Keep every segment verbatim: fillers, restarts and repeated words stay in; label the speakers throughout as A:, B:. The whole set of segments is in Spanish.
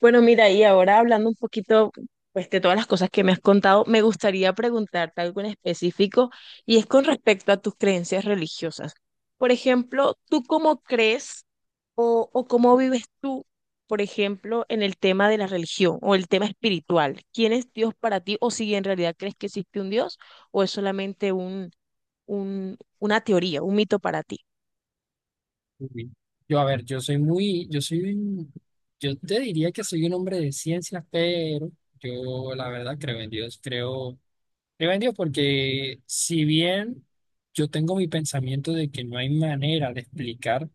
A: Bueno, mira, y ahora hablando un poquito pues, de todas las cosas que me has contado, me gustaría preguntarte algo en específico y es con respecto a tus creencias religiosas. Por ejemplo, ¿tú cómo crees o, o cómo vives tú, por ejemplo, en el tema de la religión o el tema espiritual? ¿Quién es Dios para ti o si en realidad crees que existe un Dios o es solamente un, un, una teoría, un mito para ti?
B: Uy. Yo, a ver, yo soy muy, yo soy un- yo te diría que soy un hombre de ciencias, pero yo la verdad creo en Dios, creo, creo en Dios porque si bien yo tengo mi pensamiento de que no hay manera de explicar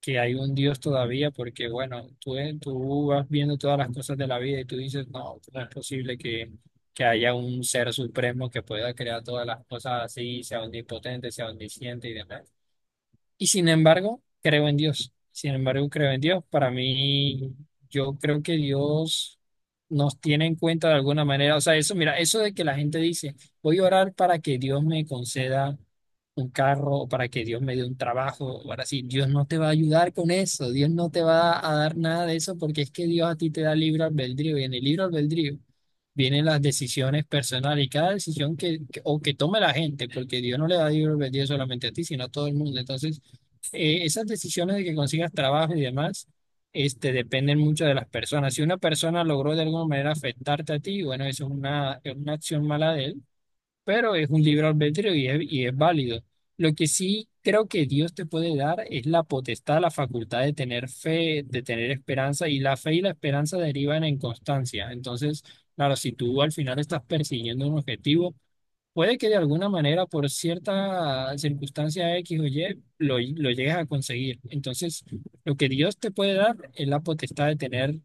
B: que hay un Dios todavía, porque bueno, tú, tú vas viendo todas las cosas de la vida y tú dices, no, no es posible que, que haya un ser supremo que pueda crear todas las cosas así, sea omnipotente, sea omnisciente y demás. Y sin embargo, creo en Dios. Sin embargo, creo en Dios. Para mí, yo creo que Dios nos tiene en cuenta de alguna manera. O sea, eso, mira, eso de que la gente dice, voy a orar para que Dios me conceda un carro o para que Dios me dé un trabajo. Ahora sí, Dios no te va a ayudar con eso. Dios no te va a dar nada de eso porque es que Dios a ti te da libre albedrío. Y en el libre albedrío vienen las decisiones personales y cada decisión que, que- o que tome la gente, porque Dios no le da libre albedrío solamente a ti, sino a todo el mundo. Entonces, eh, esas decisiones de que consigas trabajo y demás, este, dependen mucho de las personas. Si una persona logró de alguna manera afectarte a ti, bueno, eso es una, es una acción mala de él, pero es un libre albedrío y es, y es válido. Lo que sí creo que Dios te puede dar es la potestad, la facultad de tener fe, de tener esperanza, y la fe y la esperanza derivan en constancia. Entonces, claro, si tú al final estás persiguiendo un objetivo, puede que de alguna manera, por cierta circunstancia X o Y, lo, lo llegues a conseguir. Entonces, lo que Dios te puede dar es la potestad de tener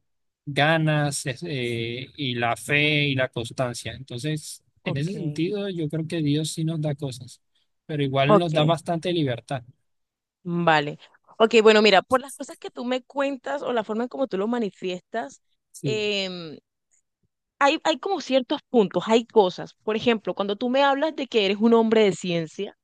B: ganas, es- eh, y la fe y la constancia. Entonces, en ese
A: Ok.
B: sentido, yo creo que Dios sí nos da cosas, pero igual nos
A: Ok.
B: da bastante libertad.
A: Vale. Ok, bueno, mira, por las cosas que tú me cuentas o la forma en como tú lo manifiestas,
B: Sí,
A: em, hay, hay como ciertos puntos, hay cosas. Por ejemplo, cuando tú me hablas de que eres un hombre de ciencia,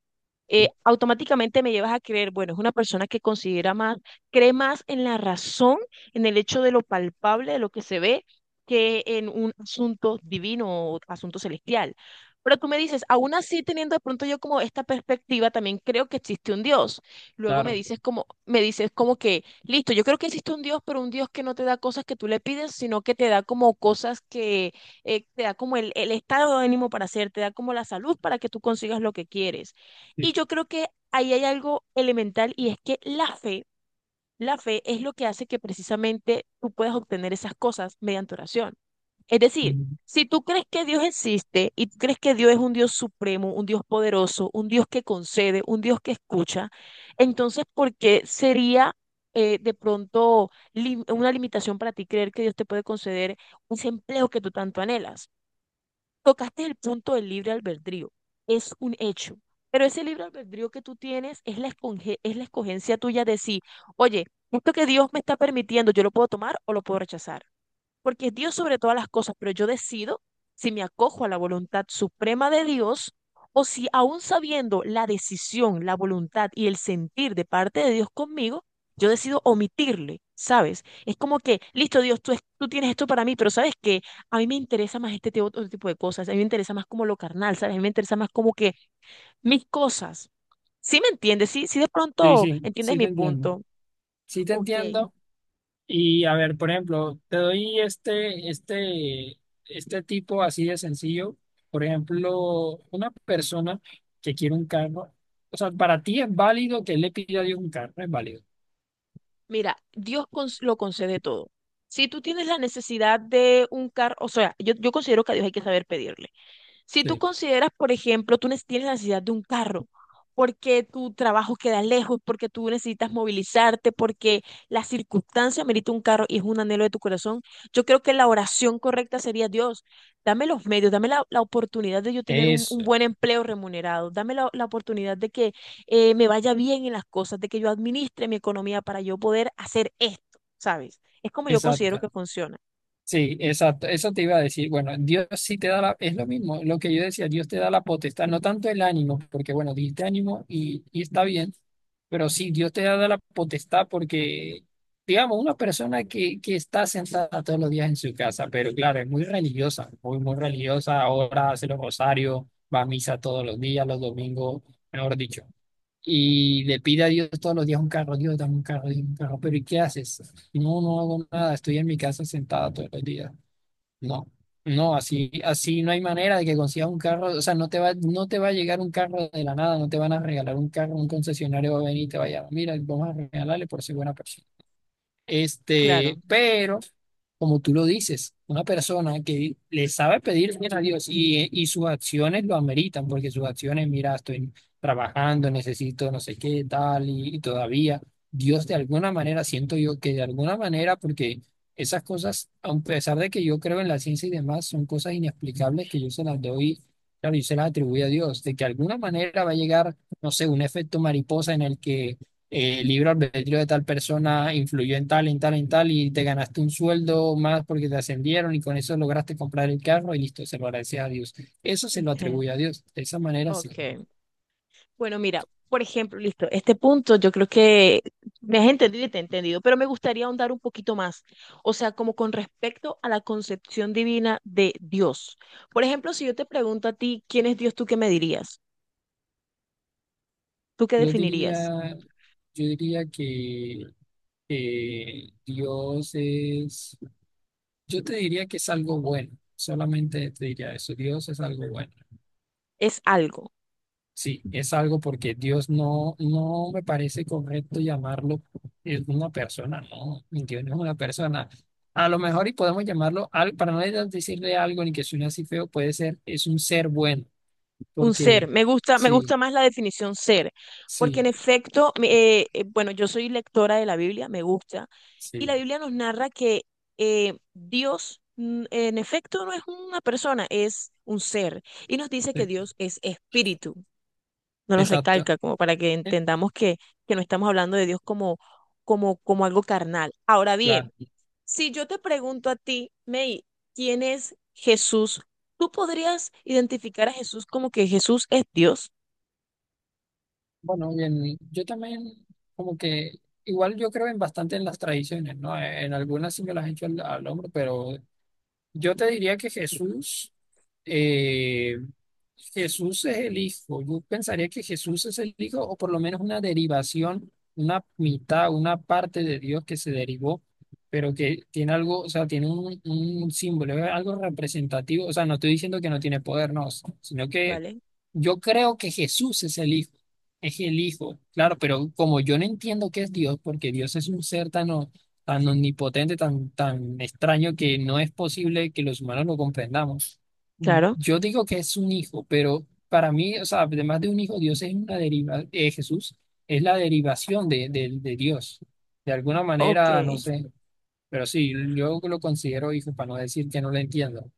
A: eh, automáticamente me llevas a creer, bueno, es una persona que considera más, cree más en la razón, en el hecho de lo palpable, de lo que se ve, que en un asunto divino o asunto celestial. Pero tú me dices, aún así teniendo de pronto yo como esta perspectiva, también creo que existe un Dios. Luego me
B: claro.
A: dices como, me dices como que, listo, yo creo que existe un Dios, pero un Dios que no te da cosas que tú le pides, sino que te da como cosas que eh, te da como el, el estado de ánimo para hacer, te da como la salud para que tú consigas lo que quieres y
B: Sí,
A: yo creo que ahí hay algo elemental y es que la fe, la fe es lo que hace que precisamente tú puedas obtener esas cosas mediante oración. Es decir, si tú crees que Dios existe y tú crees que Dios es un Dios supremo, un Dios poderoso, un Dios que concede, un Dios que escucha, entonces, ¿por qué sería eh, de pronto lim- una limitación para ti creer que Dios te puede conceder ese empleo que tú tanto anhelas? Tocaste el punto del libre albedrío. Es un hecho. Pero ese libre albedrío que tú tienes es la esconge- es la escogencia tuya de sí. Oye, esto que Dios me está permitiendo, yo lo puedo tomar o lo puedo rechazar porque es Dios sobre todas las cosas, pero yo decido si me acojo a la voluntad suprema de Dios o si aún sabiendo la decisión, la voluntad y el sentir de parte de Dios conmigo, yo decido omitirle, ¿sabes? Es como que, listo, Dios, tú, es- tú tienes esto para mí, pero ¿sabes que a mí me interesa más este te- otro tipo de cosas, a mí me interesa más como lo carnal, ¿sabes? A mí me interesa más como que mis cosas. ¿Sí me entiendes? ¿Sí, sí de
B: sí,
A: pronto
B: sí,
A: entiendes
B: sí te
A: mi
B: entiendo.
A: punto?
B: Sí te
A: Ok,
B: entiendo. Y a ver, por ejemplo, te doy este, este, este tipo así de sencillo. Por ejemplo, una persona que quiere un carro, o sea, para ti es válido que él le pida a Dios un carro, es válido.
A: mira, Dios cons- lo concede todo. Si tú tienes la necesidad de un carro, o sea, yo, yo considero que a Dios hay que saber pedirle. Si tú
B: Sí.
A: consideras, por ejemplo, tú nes- tienes la necesidad de un carro, porque tu trabajo queda lejos, porque tú necesitas movilizarte, porque la circunstancia merita un carro y es un anhelo de tu corazón, yo creo que la oración correcta sería, Dios, dame los medios, dame la, la oportunidad de yo tener un, un
B: Eso,
A: buen empleo remunerado, dame la, la oportunidad de que eh, me vaya bien en las cosas, de que yo administre mi economía para yo poder hacer esto, ¿sabes? Es como yo considero
B: exacto.
A: que funciona.
B: Sí, exacto. Eso te iba a decir. Bueno, Dios sí te da la, es lo mismo, lo que yo decía, Dios te da la potestad, no tanto el ánimo, porque bueno, dijiste ánimo y, y está bien, pero sí, Dios te da la potestad porque, digamos, una persona que, que está sentada todos los días en su casa, pero claro, es muy religiosa, muy, muy religiosa, ahora hace los rosarios, va a misa todos los días, los domingos, mejor dicho, y le pide a Dios todos los días un carro, Dios, dame un carro, Dios, un carro, pero ¿y qué haces? No, no hago nada, estoy en mi casa sentada todo el día. No, no, así, así no hay manera de que consigas un carro, o sea, no te va, no te va a llegar un carro de la nada, no te van a regalar un carro, un concesionario va a venir y te va a llamar, mira, vamos a regalarle por ser buena persona.
A: Claro.
B: Este, pero como tú lo dices, una persona que le sabe pedir bien a Dios y, y sus acciones lo ameritan, porque sus acciones, mira, estoy trabajando, necesito no sé qué, tal, y, y todavía Dios de alguna manera, siento yo que de alguna manera, porque esas cosas, a pesar de que yo creo en la ciencia y demás, son cosas inexplicables que yo se las doy, claro, yo se las atribuyo a Dios, de que de alguna manera va a llegar, no sé, un efecto mariposa en el que eh, libre albedrío de tal persona influyó en tal, en tal, en tal, y te ganaste un sueldo más porque te ascendieron y con eso lograste comprar el carro y listo, se lo agradeces a Dios. Eso se lo
A: Ok,
B: atribuye a Dios. De esa manera, sí.
A: ok. Bueno, mira, por ejemplo, listo, este punto yo creo que me has entendido y te he entendido, pero me gustaría ahondar un poquito más, o sea, como con respecto a la concepción divina de Dios. Por ejemplo, si yo te pregunto a ti, ¿quién es Dios? ¿Tú qué me dirías? ¿Tú qué
B: Yo
A: definirías?
B: diría, yo diría que eh, Dios es, yo te diría que es algo bueno. Solamente te diría eso, Dios es algo bueno.
A: Es algo.
B: Sí, es algo porque Dios no, no me parece correcto llamarlo eh, una persona, no, Dios no es una persona. A lo mejor y podemos llamarlo, al- para no de- decirle algo ni que suene así feo, puede ser, es un ser bueno,
A: Un ser,
B: porque
A: me gusta, me gusta
B: sí,
A: más la definición ser, porque en
B: sí,
A: efecto, me- eh, eh, bueno, yo soy lectora de la Biblia, me gusta, y la
B: sí,
A: Biblia nos narra que eh, Dios, mm, en efecto, no es una persona, es un ser, y nos dice que
B: sí,
A: Dios es espíritu, nos lo
B: exacto,
A: recalca como para que
B: eh,
A: entendamos que, que no estamos hablando de Dios como, como, como algo carnal. Ahora bien,
B: claro.
A: si yo te pregunto a ti, May, ¿quién es Jesús? ¿Tú podrías identificar a Jesús como que Jesús es Dios?
B: Bueno, bien, yo también como que, igual yo creo en bastante en las tradiciones, ¿no? En algunas sí me las he hecho al, al hombro, pero yo te diría que Jesús, eh, Jesús es el Hijo. Yo pensaría que Jesús es el Hijo, o por lo menos una derivación, una mitad, una parte de Dios que se derivó, pero que tiene algo, o sea, tiene un, un símbolo, es algo representativo. O sea, no estoy diciendo que no tiene poder, no, sino que
A: ¿Vale?
B: yo creo que Jesús es el Hijo, es el Hijo, claro, pero como yo no entiendo qué es Dios, porque Dios es un ser tan tan omnipotente, tan, tan extraño que no es posible que los humanos lo comprendamos.
A: Claro.
B: Yo digo que es un hijo, pero para mí, o sea, además de un hijo, Dios es una deriva, eh, Jesús es la derivación de, de, de Dios. De alguna
A: Ok.
B: manera, no sé, pero sí, yo lo considero hijo para no decir que no lo entiendo.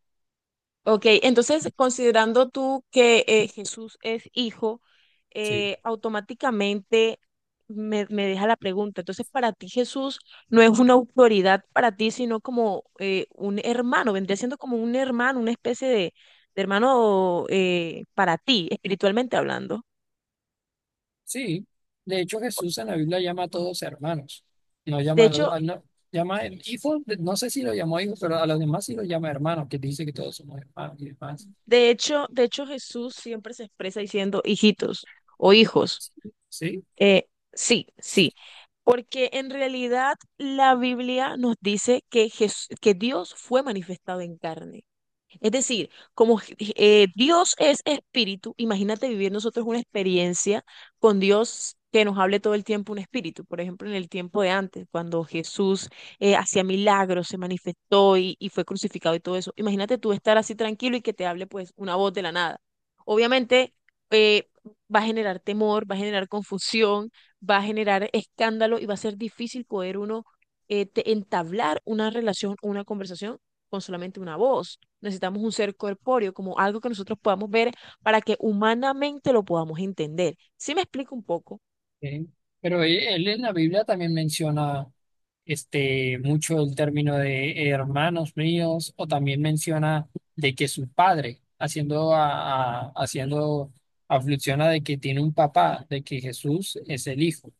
A: Ok, entonces considerando tú que eh, Jesús es hijo,
B: Sí,
A: eh, automáticamente me, me deja la pregunta. Entonces, para ti Jesús no es una autoridad para ti, sino como eh, un hermano, vendría siendo como un hermano, una especie de, de hermano eh, para ti, espiritualmente hablando.
B: sí. De hecho, Jesús en la Biblia llama a todos hermanos. No
A: De
B: llama a los,
A: hecho,
B: a- no, llama el hijo, no sé si lo llamó hijo, pero a los demás sí lo llama hermanos, que dice que todos somos hermanos y demás.
A: de hecho, de hecho Jesús siempre se expresa diciendo hijitos o hijos.
B: Sí, sí.
A: Eh, sí, sí, porque en realidad la Biblia nos dice que, Jes- que Dios fue manifestado en carne. Es decir, como eh, Dios es espíritu, imagínate vivir nosotros una experiencia con Dios que nos hable todo el tiempo un espíritu. Por ejemplo, en el tiempo de antes, cuando Jesús eh, hacía milagros, se manifestó y, y fue crucificado y todo eso. Imagínate tú estar así tranquilo y que te hable pues una voz de la nada. Obviamente eh, va a generar temor, va a generar confusión, va a generar escándalo y va a ser difícil poder uno eh, te- entablar una relación, una conversación con solamente una voz. Necesitamos un ser corpóreo, como algo que nosotros podamos ver para que humanamente lo podamos entender. ¿Sí me explico un poco?
B: Pero él, él en la Biblia también menciona este mucho el término de hermanos míos, o también menciona de que su padre, haciendo a, a- haciendo aflicción a de que tiene un papá, de que Jesús es el hijo.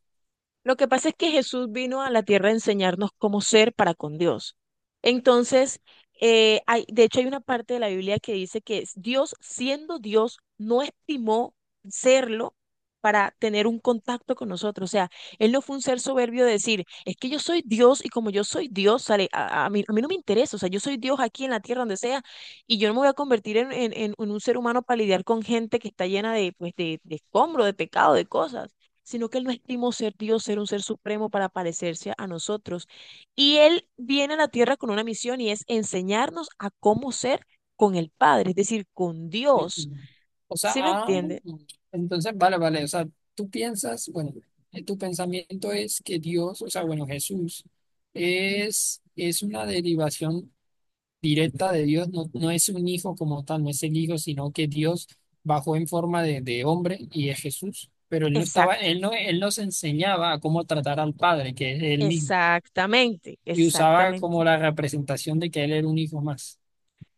A: Lo que pasa es que Jesús vino a la tierra a enseñarnos cómo ser para con Dios. Entonces, eh, hay, de hecho hay una parte de la Biblia que dice que Dios, siendo Dios, no estimó serlo para tener un contacto con nosotros. O sea, Él no fue un ser soberbio de decir, es que yo soy Dios y como yo soy Dios, sale, a, a mí, a mí no me interesa, o sea, yo soy Dios aquí en la tierra, donde sea, y yo no me voy a convertir en, en, en en un ser humano para lidiar con gente que está llena de, pues, de, de escombro, de pecado, de cosas, sino que Él no estimó ser Dios, ser un ser supremo para parecerse a nosotros. Y Él viene a la tierra con una misión y es enseñarnos a cómo ser con el Padre, es decir, con
B: ¿Sí?
A: Dios.
B: O sea,
A: ¿Sí me
B: ah,
A: entiende?
B: entonces vale, vale. O sea, tú piensas, bueno, eh, tu pensamiento es que Dios, o sea, bueno, Jesús es, es una derivación directa de Dios, no, no es un hijo como tal, no es el hijo, sino que Dios bajó en forma de, de hombre y es Jesús. Pero él no estaba,
A: Exacto,
B: él no, él nos enseñaba a cómo tratar al Padre, que es él mismo,
A: exactamente,
B: y usaba
A: exactamente,
B: como la representación de que él era un hijo más.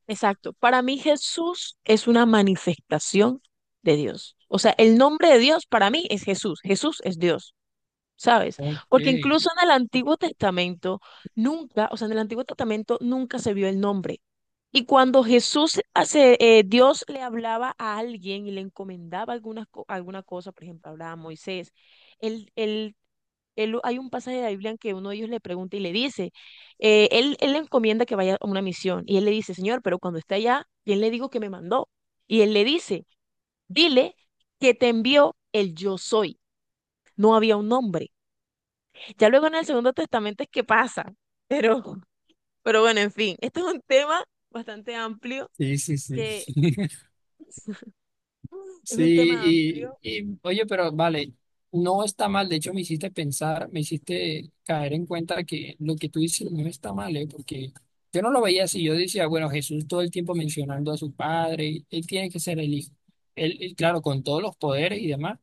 A: exacto. Para mí Jesús es una manifestación de Dios. O sea, el nombre de Dios para mí es Jesús. Jesús es Dios. ¿Sabes?
B: Ok,
A: Porque
B: sí,
A: incluso en el Antiguo Testamento nunca, o sea, en el Antiguo Testamento nunca se vio el nombre, y cuando Jesús, hace- eh, Dios le hablaba a alguien y le encomendaba algunas co- alguna cosa, por ejemplo, hablaba a Moisés, él, él, él- hay un pasaje de la Biblia en que uno de ellos le pregunta y le dice, eh, él, él le encomienda que vaya a una misión y él le dice, Señor, pero cuando esté allá, ¿quién le digo que me mandó? Y él le dice, dile que te envió el yo soy. No había un nombre. Ya luego en el Segundo Testamento es que pasa, pero, pero bueno, en fin, este es un tema bastante amplio
B: sí,
A: que...
B: sí.
A: es un tema
B: Sí,
A: amplio,
B: y, y, oye, pero vale, no está mal, de hecho me hiciste pensar, me hiciste caer en cuenta que lo que tú dices no está mal, ¿eh? Porque yo no lo veía así, yo decía, bueno, Jesús todo el tiempo mencionando a su padre, él tiene que ser el hijo, él, él, claro, con todos los poderes y demás,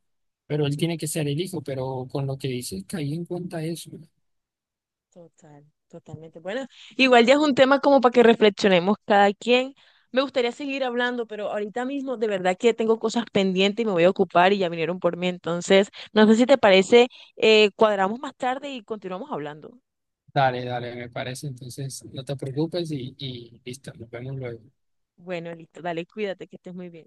B: pero él tiene que ser el hijo, pero con lo que dices caí en cuenta eso.
A: total, totalmente. Bueno, igual ya es un tema como para que reflexionemos cada quien. Me gustaría seguir hablando, pero ahorita mismo de verdad que tengo cosas pendientes y me voy a ocupar y ya vinieron por mí. Entonces, no sé si te parece, eh, cuadramos más tarde y continuamos hablando.
B: Dale, dale, me parece, entonces no te preocupes y, y listo, nos vemos luego.
A: Bueno, listo, dale, cuídate, que estés muy bien.